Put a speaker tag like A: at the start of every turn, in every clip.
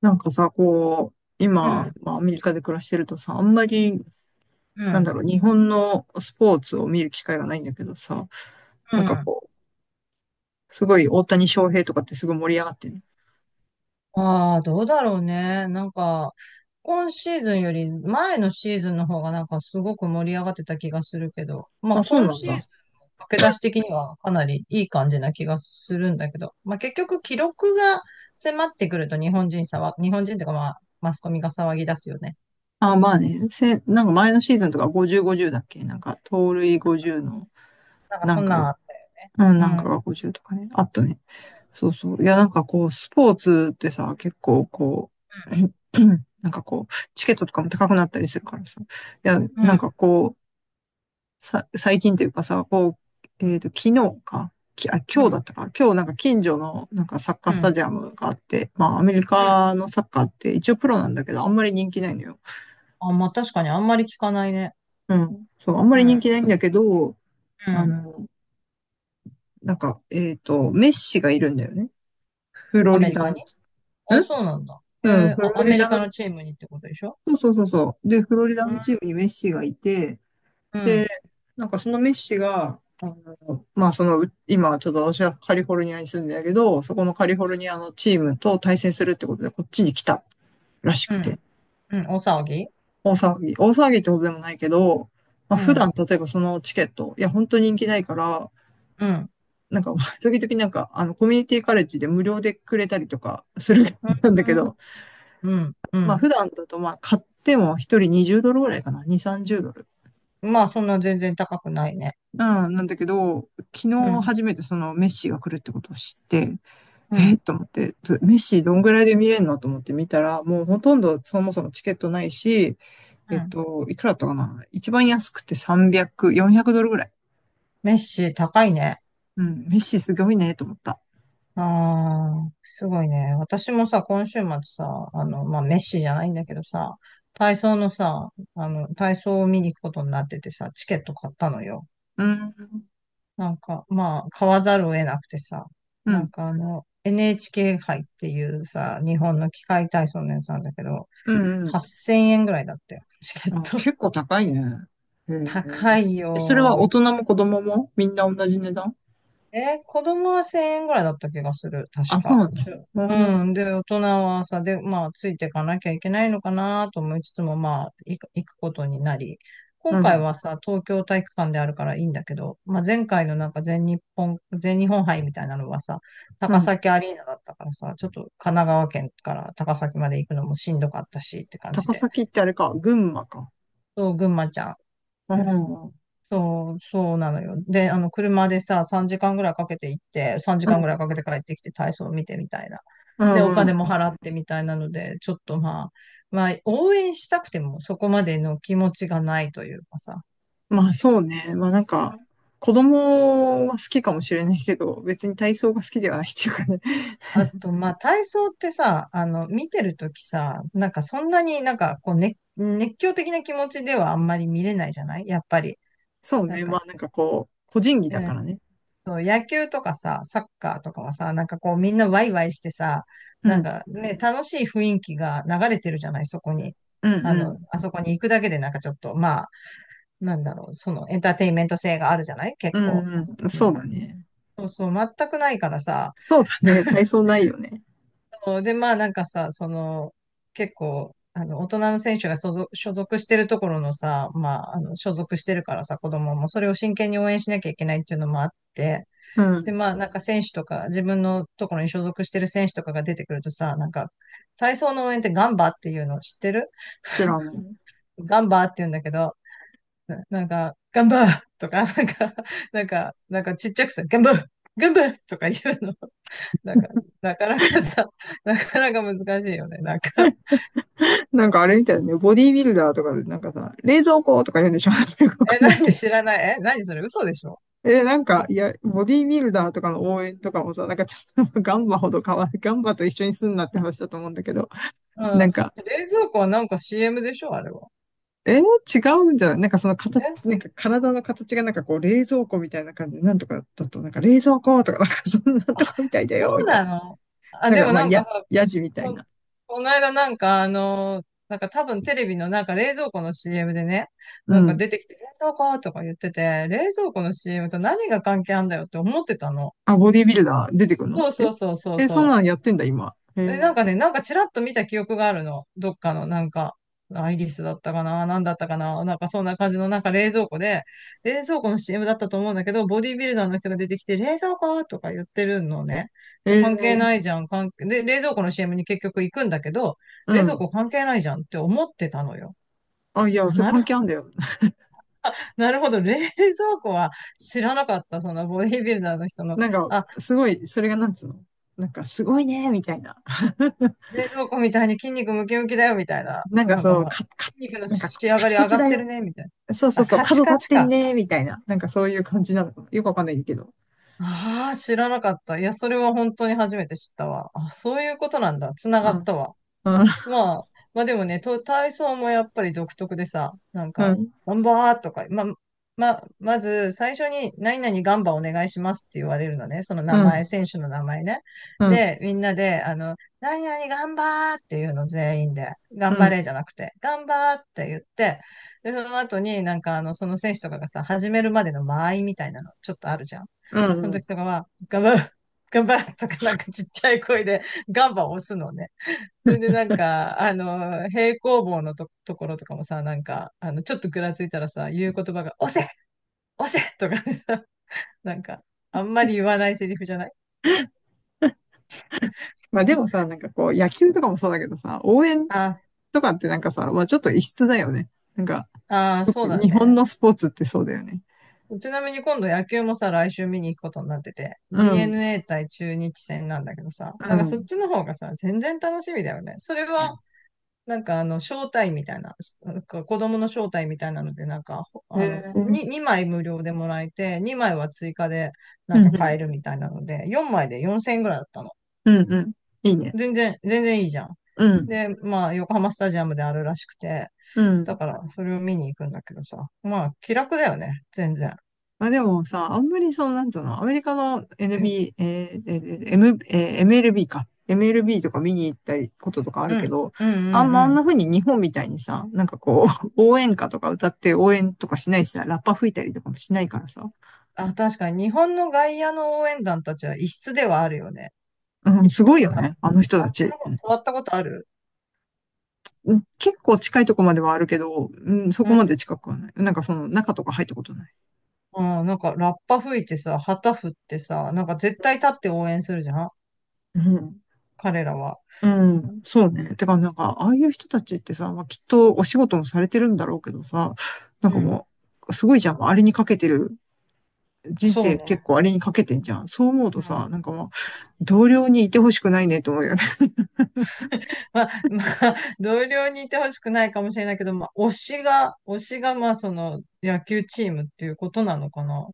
A: なんかさ、こう、
B: う
A: 今、
B: ん、
A: まあ、アメリカで暮らしてるとさ、あんまり、
B: う
A: なんだ
B: ん、
A: ろう、日本のスポーツを見る機会がないんだけどさ、
B: う
A: なんか
B: ん。
A: こう、すごい大谷翔平とかってすごい盛り上がってる。
B: ああ、どうだろうね。なんか、今シーズンより前のシーズンの方がなんかすごく盛り上がってた気がするけど、まあ
A: あ、そう
B: 今
A: なん
B: シーズン
A: だ。
B: 駆け出し的にはかなりいい感じな気がするんだけど、まあ結局記録が迫ってくると日本人とかまあマスコミが騒ぎ出すよね。
A: あ、まあね、なんか前のシーズンとか50、50だっけなんか、盗塁50の、
B: なんか
A: な
B: そ
A: ん
B: ん
A: か
B: なん
A: が、
B: あったよ。
A: うん、
B: う
A: な
B: ん、
A: ん
B: うん、
A: かが50とかね、あったね。そうそう。いや、なんかこう、スポーツってさ、結構こう、なんかこう、チケットとかも高くなったりするからさ、いや、
B: う
A: なん
B: ん、
A: かこう、最近というかさ、こう、
B: うん、
A: 昨日か、あ、今日だったか、今日なんか近所のなんかサッカー
B: う
A: スタ
B: ん。
A: ジアムがあって、まあアメリ
B: うん。
A: カのサッカーって一応プロなんだけど、あんまり人気ないのよ。
B: あ、まあ確かにあんまり聞かないね。
A: うん。そう、あんま
B: う
A: り人
B: ん、
A: 気ないんだけど、
B: う
A: あ
B: ん。
A: の、なんか、メッシがいるんだよね。フロ
B: アメ
A: リ
B: リ
A: ダ
B: カ
A: の、
B: あ、そうなんだ。へえ、
A: フ
B: あ、
A: ロ
B: ア
A: リ
B: メリ
A: ダ
B: カ
A: の、
B: のチームにってことでしょ？
A: そうそうそうそう。で、フロリダ
B: う
A: の
B: ん、
A: チームにメッシがいて、
B: う
A: で、
B: ん、
A: なんかそのメッシが、あの、まあその、今ちょっと私はカリフォルニアに住んでるけど、そこのカリフォルニアのチームと対戦するってことでこっちに来たらし
B: う
A: くて、
B: ん、うん、お騒ぎ。
A: 大騒ぎ。大騒ぎってことでもないけど、ま
B: う
A: あ普
B: ん、
A: 段例えばそのチケット、いや本当人気ないから、
B: うん、
A: なんか 時々なんかあのコミュニティカレッジで無料でくれたりとかする なん
B: う
A: だけ
B: ん、
A: ど、
B: うん。う
A: まあ
B: ん。
A: 普段だとまあ買っても一人20ドルぐらいかな、2、30ドル。
B: まあ、そんな全然高くないね。
A: うん、なんだけど、昨
B: う
A: 日
B: ん、
A: 初めてそのメッシが来るってことを知って、
B: う
A: えー、
B: ん、
A: と思って、メッシどんぐらいで見れるの？と思って見たら、もうほとんどそもそもチケットないし、
B: うん。
A: いくらだったかな、一番安くて300、400ドルぐらい。
B: メッシ高いね。
A: うん、メッシすごいね、と思った。
B: ああ、すごいね。私もさ、今週末さ、あの、まあ、メッシじゃないんだけどさ、体操のさ、あの、体操を見に行くことになっててさ、チケット買ったのよ。
A: うん、
B: なんか、まあ、買わざるを得なくてさ、
A: う
B: なん
A: ん、
B: かあの、NHK 杯っていうさ、日本の器械体操のやつなんだけど、
A: うん、うん。
B: 8000円ぐらいだったよ、チケッ
A: あ、
B: ト。
A: 結構高いね。へ ー
B: 高い
A: え、それは大
B: よ。
A: 人も子供もみんな同じ値段？
B: え、子供は1000円ぐらいだった気がする、確
A: あ、そう
B: か。
A: なんだ。うん、
B: うん。で、大人はさ、で、まあ、ついていかなきゃいけないのかなと思いつつも、まあ、行くことになり、今
A: う
B: 回
A: ん、
B: はさ、東京体育館であるからいいんだけど、まあ、前回のなんか全日本杯みたいなのはさ、
A: う
B: 高
A: ん。
B: 崎アリーナだったからさ、ちょっと神奈川県から高崎まで行くのもしんどかったしって感じ
A: 高
B: で、
A: 崎ってあれか、群馬か。
B: そう、群馬ちゃん。
A: うん、うん、
B: そう、そうなのよ。で、あの、車でさ、3時間ぐらいかけて行って、3時間ぐらいかけて帰ってきて体操見てみたいな。
A: う
B: で、お
A: んう
B: 金
A: ん。
B: も払ってみたいなので、ちょっとまあ、まあ、応援したくてもそこまでの気持ちがないというかさ。
A: まあそうね。まあなんか、子供は好きかもしれないけど、別に体操が好きではないっていうかね。
B: あと、まあ、体操ってさ、あの、見てるときさ、なんかそんなになんかこう、ね、熱狂的な気持ちではあんまり見れないじゃないやっぱり。
A: そう
B: なん
A: ね。
B: か、
A: まあなんかこう、個人技
B: う
A: だ
B: ん
A: からね。
B: その野球とかさ、サッカーとかはさ、なんかこうみんなワイワイしてさ、
A: う
B: なん
A: ん。
B: かね、楽しい雰囲気が流れてるじゃない、そこに。
A: うん
B: あ
A: う
B: の、
A: ん。
B: あそこに行くだけでなんかちょっと、まあ、なんだろう、そのエンターテインメント性があるじゃない結
A: う
B: 構。あ
A: ん
B: そ
A: うん。
B: こに
A: そう
B: は。
A: だね。
B: そうそう、全くないからさ。
A: そうだね。体 操ないよね。
B: そうで、まあなんかさ、その、結構、あの、大人の選手が所属してるところのさ、まあ、あの、所属してるからさ、子供もそれを真剣に応援しなきゃいけないっていうのもあって、
A: う
B: で、
A: ん。
B: まあ、なんか選手とか、自分のところに所属してる選手とかが出てくるとさ、なんか、体操の応援ってガンバっていうの知ってる？
A: 知らない。
B: ガンバって言うんだけど、なんか、ガンバー とか、なんかちっちゃくさ、ガンバーガンバーとか言うの。なんか、なかなかさ、なかなか難しいよね。なんか、
A: なんかあれみたいだね。ボディービルダーとかでなんかさ、冷蔵庫とか言うんでしょ？ なんかよく わ か
B: え、
A: んないけ
B: 何？
A: ど。
B: 知らない？え、何それ？嘘でしょ？
A: え、なんか、いや、ボディービルダーとかの応援とかもさ、なんかちょっと ガンバほど変わる。ガンバと一緒にすんなって話だと思うんだけど、
B: う
A: なん
B: ん。
A: か、
B: 冷蔵庫はなんか CM でしょ、あれは。
A: 違うんじゃない？なんかその形、
B: え、
A: なんか体の形がなんかこう冷蔵庫みたいな感じで、なんとかだと、なんか冷蔵庫とか、なんかそんな
B: あ、
A: とこみたいだ
B: そ
A: よ、み
B: う
A: たい
B: な
A: な。
B: の？あ、
A: なん
B: で
A: か
B: も
A: まあ、
B: なんかさ、
A: やじみたい
B: こ、
A: な。
B: この間なんかあの、なんか多分テレビのなんか冷蔵庫の CM でね、
A: う
B: なんか
A: ん。
B: 出てきて冷蔵庫とか言ってて、冷蔵庫の CM と何が関係あんだよって思ってたの。
A: あ、ボディービルダー出てくるの？
B: そう
A: え
B: そうそうそう
A: え、そんな
B: そ
A: んや
B: う。
A: ってんだ、今。
B: え、なん
A: へ
B: かね、なんかちらっと見た記憶があるの。どっかの、なんか、アイリスだったかな、なんだったかな、なんかそんな感じの、なんか冷蔵庫で、冷蔵庫の CM だったと思うんだけど、ボディービルダーの人が出てきて、冷蔵庫とか言ってるのね。
A: え、
B: で、
A: へ
B: 関係
A: え
B: ないじゃん、関係、で、冷蔵庫の CM に結局行くんだけど、
A: う
B: 冷蔵
A: ん。
B: 庫関係ないじゃんって思ってたのよ。
A: あ、いや、
B: あ、
A: それ
B: なる
A: 関
B: ほ
A: 係
B: ど、
A: あんだよ。
B: なるほど、冷蔵庫は知らなかった、そのボディービルダーの人の。
A: なんか、
B: あ、
A: すごい、それがなんつうの？なんか、すごいね、みたいな。
B: 冷蔵庫みたいに筋肉ムキムキだよ、みたいな。
A: なんか
B: なんか
A: そう、
B: まあ、筋肉の
A: なんか、
B: 仕上
A: カ
B: が
A: チ
B: り
A: カ
B: 上
A: チ
B: がっ
A: だ
B: てる
A: よ。
B: ね、みたい
A: そう
B: な。
A: そう
B: あ、
A: そう、
B: カ
A: 角
B: チ
A: 立
B: カ
A: っ
B: チ
A: てん
B: か。
A: ね、みたいな。なんかそういう感じなのかな。よくわかんないけど。
B: ああ、知らなかった。いや、それは本当に初めて知ったわ。あ、そういうことなんだ。つながったわ。
A: うん、
B: まあ、まあでもね、と体操もやっぱり独特でさ、なん
A: う
B: か、
A: ん、
B: ガンバーとか、まあ、まず最初に何々ガンバお願いしますって言われるのね。その名
A: う
B: 前、
A: ん、
B: 選手の名前ね。
A: うん、
B: で、みんなで、あの、何々ガンバーっていうの全員で、頑
A: う
B: 張
A: ん、
B: れじゃなくて、ガンバーって言って、で、その後になんかあの、その選手とかがさ、始めるまでの間合いみたいなのちょっとあるじゃん。
A: う
B: その
A: ん。
B: 時とかは、ガンバー、ガンバーとかなんかちっちゃい声でガンバを押すのね。それでなんか、あの、平行棒のところとかもさ、なんか、あの、ちょっとぐらついたらさ、言う言葉が、押せ押せとかでさ、なんか、あんまり言わないセリフじゃない？
A: まあでも さ、なんかこう、野球とかもそうだけどさ、応援
B: あ、
A: とかってなんかさ、まあちょっと異質だよね。なんか、
B: ああ、そうだ
A: 日本
B: ね。
A: のスポーツってそうだよね。
B: ちなみに今度野球もさ、来週見に行くことになってて、
A: うん、
B: DNA 対中日戦なんだけどさ、
A: う
B: なんかそっ
A: ん。
B: ちの方がさ、全然楽しみだよね。それはなんかあの、招待みたいな、なんか子供の招待みたいなので、なんか、あの、
A: えー、うん、
B: に2枚無料でもらえて、2枚は追加でな
A: う
B: んか買
A: ん、
B: えるみたいなので、4枚で4000円ぐらいだったの。
A: うん、うん。いいね。
B: 全然、全然いいじゃん。
A: うん、
B: で、まあ、横浜スタジアムであるらしくて、
A: う
B: だ
A: ん。
B: から、それを見に行くんだけどさ、まあ、気楽だよね、全然。
A: まあでもさ、あんまりその、なんつうの、アメリカの
B: うん、
A: NB、M MLB か。MLB とか見に行ったりこととかある
B: う
A: け
B: ん、
A: ど、
B: うん、
A: あ
B: う
A: ん
B: ん、
A: な風に日本みたいにさ、なんか
B: う
A: こ
B: ん。
A: う、応援歌とか歌って応援とかしないしさ、ラッパ吹いたりとかもしないからさ。
B: あ、確かに、日本の外野の応援団たちは異質ではあるよね。
A: うん、
B: 行っ
A: す
B: た
A: ごい
B: こ
A: よ
B: とある。
A: ね、あの人
B: あ
A: た
B: っち
A: ち。
B: の方、座ったことある？
A: うん、結構近いとこまではあるけど、うん、そこまで近くはない。なんかその中とか入ったことない。
B: うん、なんかラッパ吹いてさ、旗振ってさ、なんか絶対立って応援するじゃん、
A: うん
B: 彼らは。
A: うん、そうね。てか、なんか、ああいう人たちってさ、まあ、きっとお仕事もされてるんだろうけどさ、なんか
B: うん。
A: もう、すごいじゃん。もうあれにかけてる。人
B: そう
A: 生結
B: ね。
A: 構あれにかけてんじゃん。そう思うと
B: う
A: さ、
B: ん。
A: なんかもう、同僚にいてほしくないねと思うよね。
B: まあ、まあ、同僚にいてほしくないかもしれないけど、まあ、推しが、まあ、その、野球チームっていうことなのかな。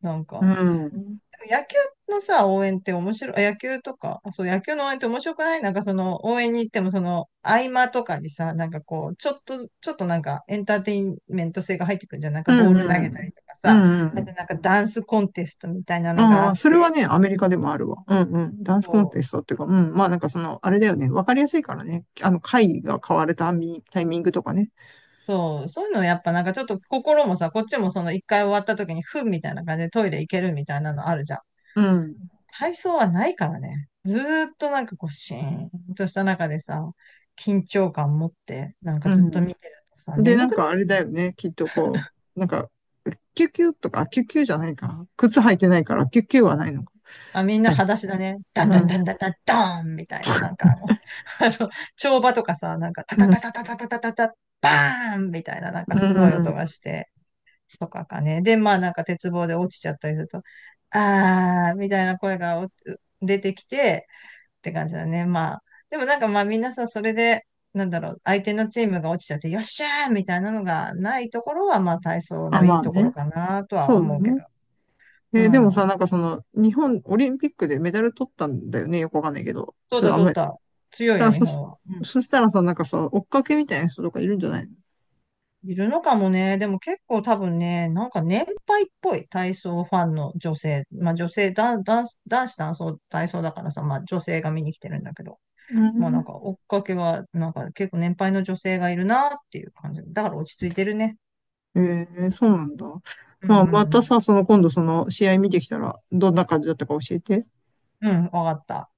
B: なん
A: う
B: か、
A: ん。
B: 野球のさ、応援って面白い、あ野球とか、あそう、野球の応援って面白くない？なんかその、応援に行ってもその、合間とかにさ、なんかこう、ちょっとなんか、エンターテインメント性が入ってくるんじゃん。なんか
A: う
B: ボー
A: ん
B: ル投
A: う
B: げたり
A: ん。
B: とか
A: う
B: さ、
A: んう
B: あと
A: ん。
B: なんかダンスコンテストみたいなのがあ
A: ああ、
B: っ
A: それは
B: て、
A: ね、アメリカでもあるわ。うんうん。ダンスコンテ
B: そう、
A: ストっていうか、うん。まあなんかその、あれだよね。わかりやすいからね。あの、会が変わるタイミングとかね。
B: そう、そういうのやっぱなんかちょっと心もさ、こっちもその、一回終わった時に、ふんみたいな感じでトイレ行けるみたいなのあるじゃん。
A: うん。
B: 体操はないからね。ずーっとなんかこう、シーンとした中でさ、緊張感持って、なんか
A: う
B: ずっ
A: ん。
B: と見てるとさ、
A: で、な
B: 眠
A: ん
B: くな
A: か
B: っ
A: あ
B: て
A: れ
B: くる
A: だ
B: の。
A: よね。きっとこう、なんか、キュキュとか、キュキュじゃないか。靴履いてないから、キュキュはないのか。
B: あ、みん
A: は
B: な
A: い。
B: 裸足だね。ダン
A: う
B: ダン
A: ん。
B: ダンダンダンダーンみたいな、なんかあの、あの、跳馬とかさ、なんかタタ
A: う
B: タ
A: ん。
B: タタタタタタタ、バーンみたいな、なんか
A: う
B: すごい音が
A: ん。
B: して、とかかね。で、まあなんか鉄棒で落ちちゃったりすると、あーみたいな声が出てきて、って感じだね。まあ、でもなんかまあみんなさ、それで、なんだろう、相手のチームが落ちちゃって、よっしゃーみたいなのがないところは、まあ体操
A: あ、
B: のい
A: ま
B: い
A: あ
B: ところ
A: ね。
B: かなとは
A: そうだ
B: 思うけ
A: ね。
B: ど。う
A: えーでもさ、
B: ん。
A: なんかその、日本オリンピックでメダル取ったんだよね。よくわかんないけど。
B: どう
A: ちょっ
B: だ
A: とあん
B: どう
A: まり。
B: だ。強い
A: だ
B: よ、
A: から
B: 日本は。うん。
A: そしたらさ、なんかさ、追っかけみたいな人とかいるんじゃないの？
B: いるのかもね。でも結構多分ね、なんか年配っぽい体操ファンの女性。まあ女性、男子体操、体操だからさ、まあ女性が見に来てるんだけど。
A: う
B: まあなん
A: ん。
B: か追っかけは、なんか結構年配の女性がいるなっていう感じ。だから落ち着いてるね。
A: えー、そうなんだ。
B: うんう
A: まあ、ま
B: んう
A: た
B: ん。
A: さ、その今度その試合見てきたら、どんな感じだったか教えて。
B: うん、わかった。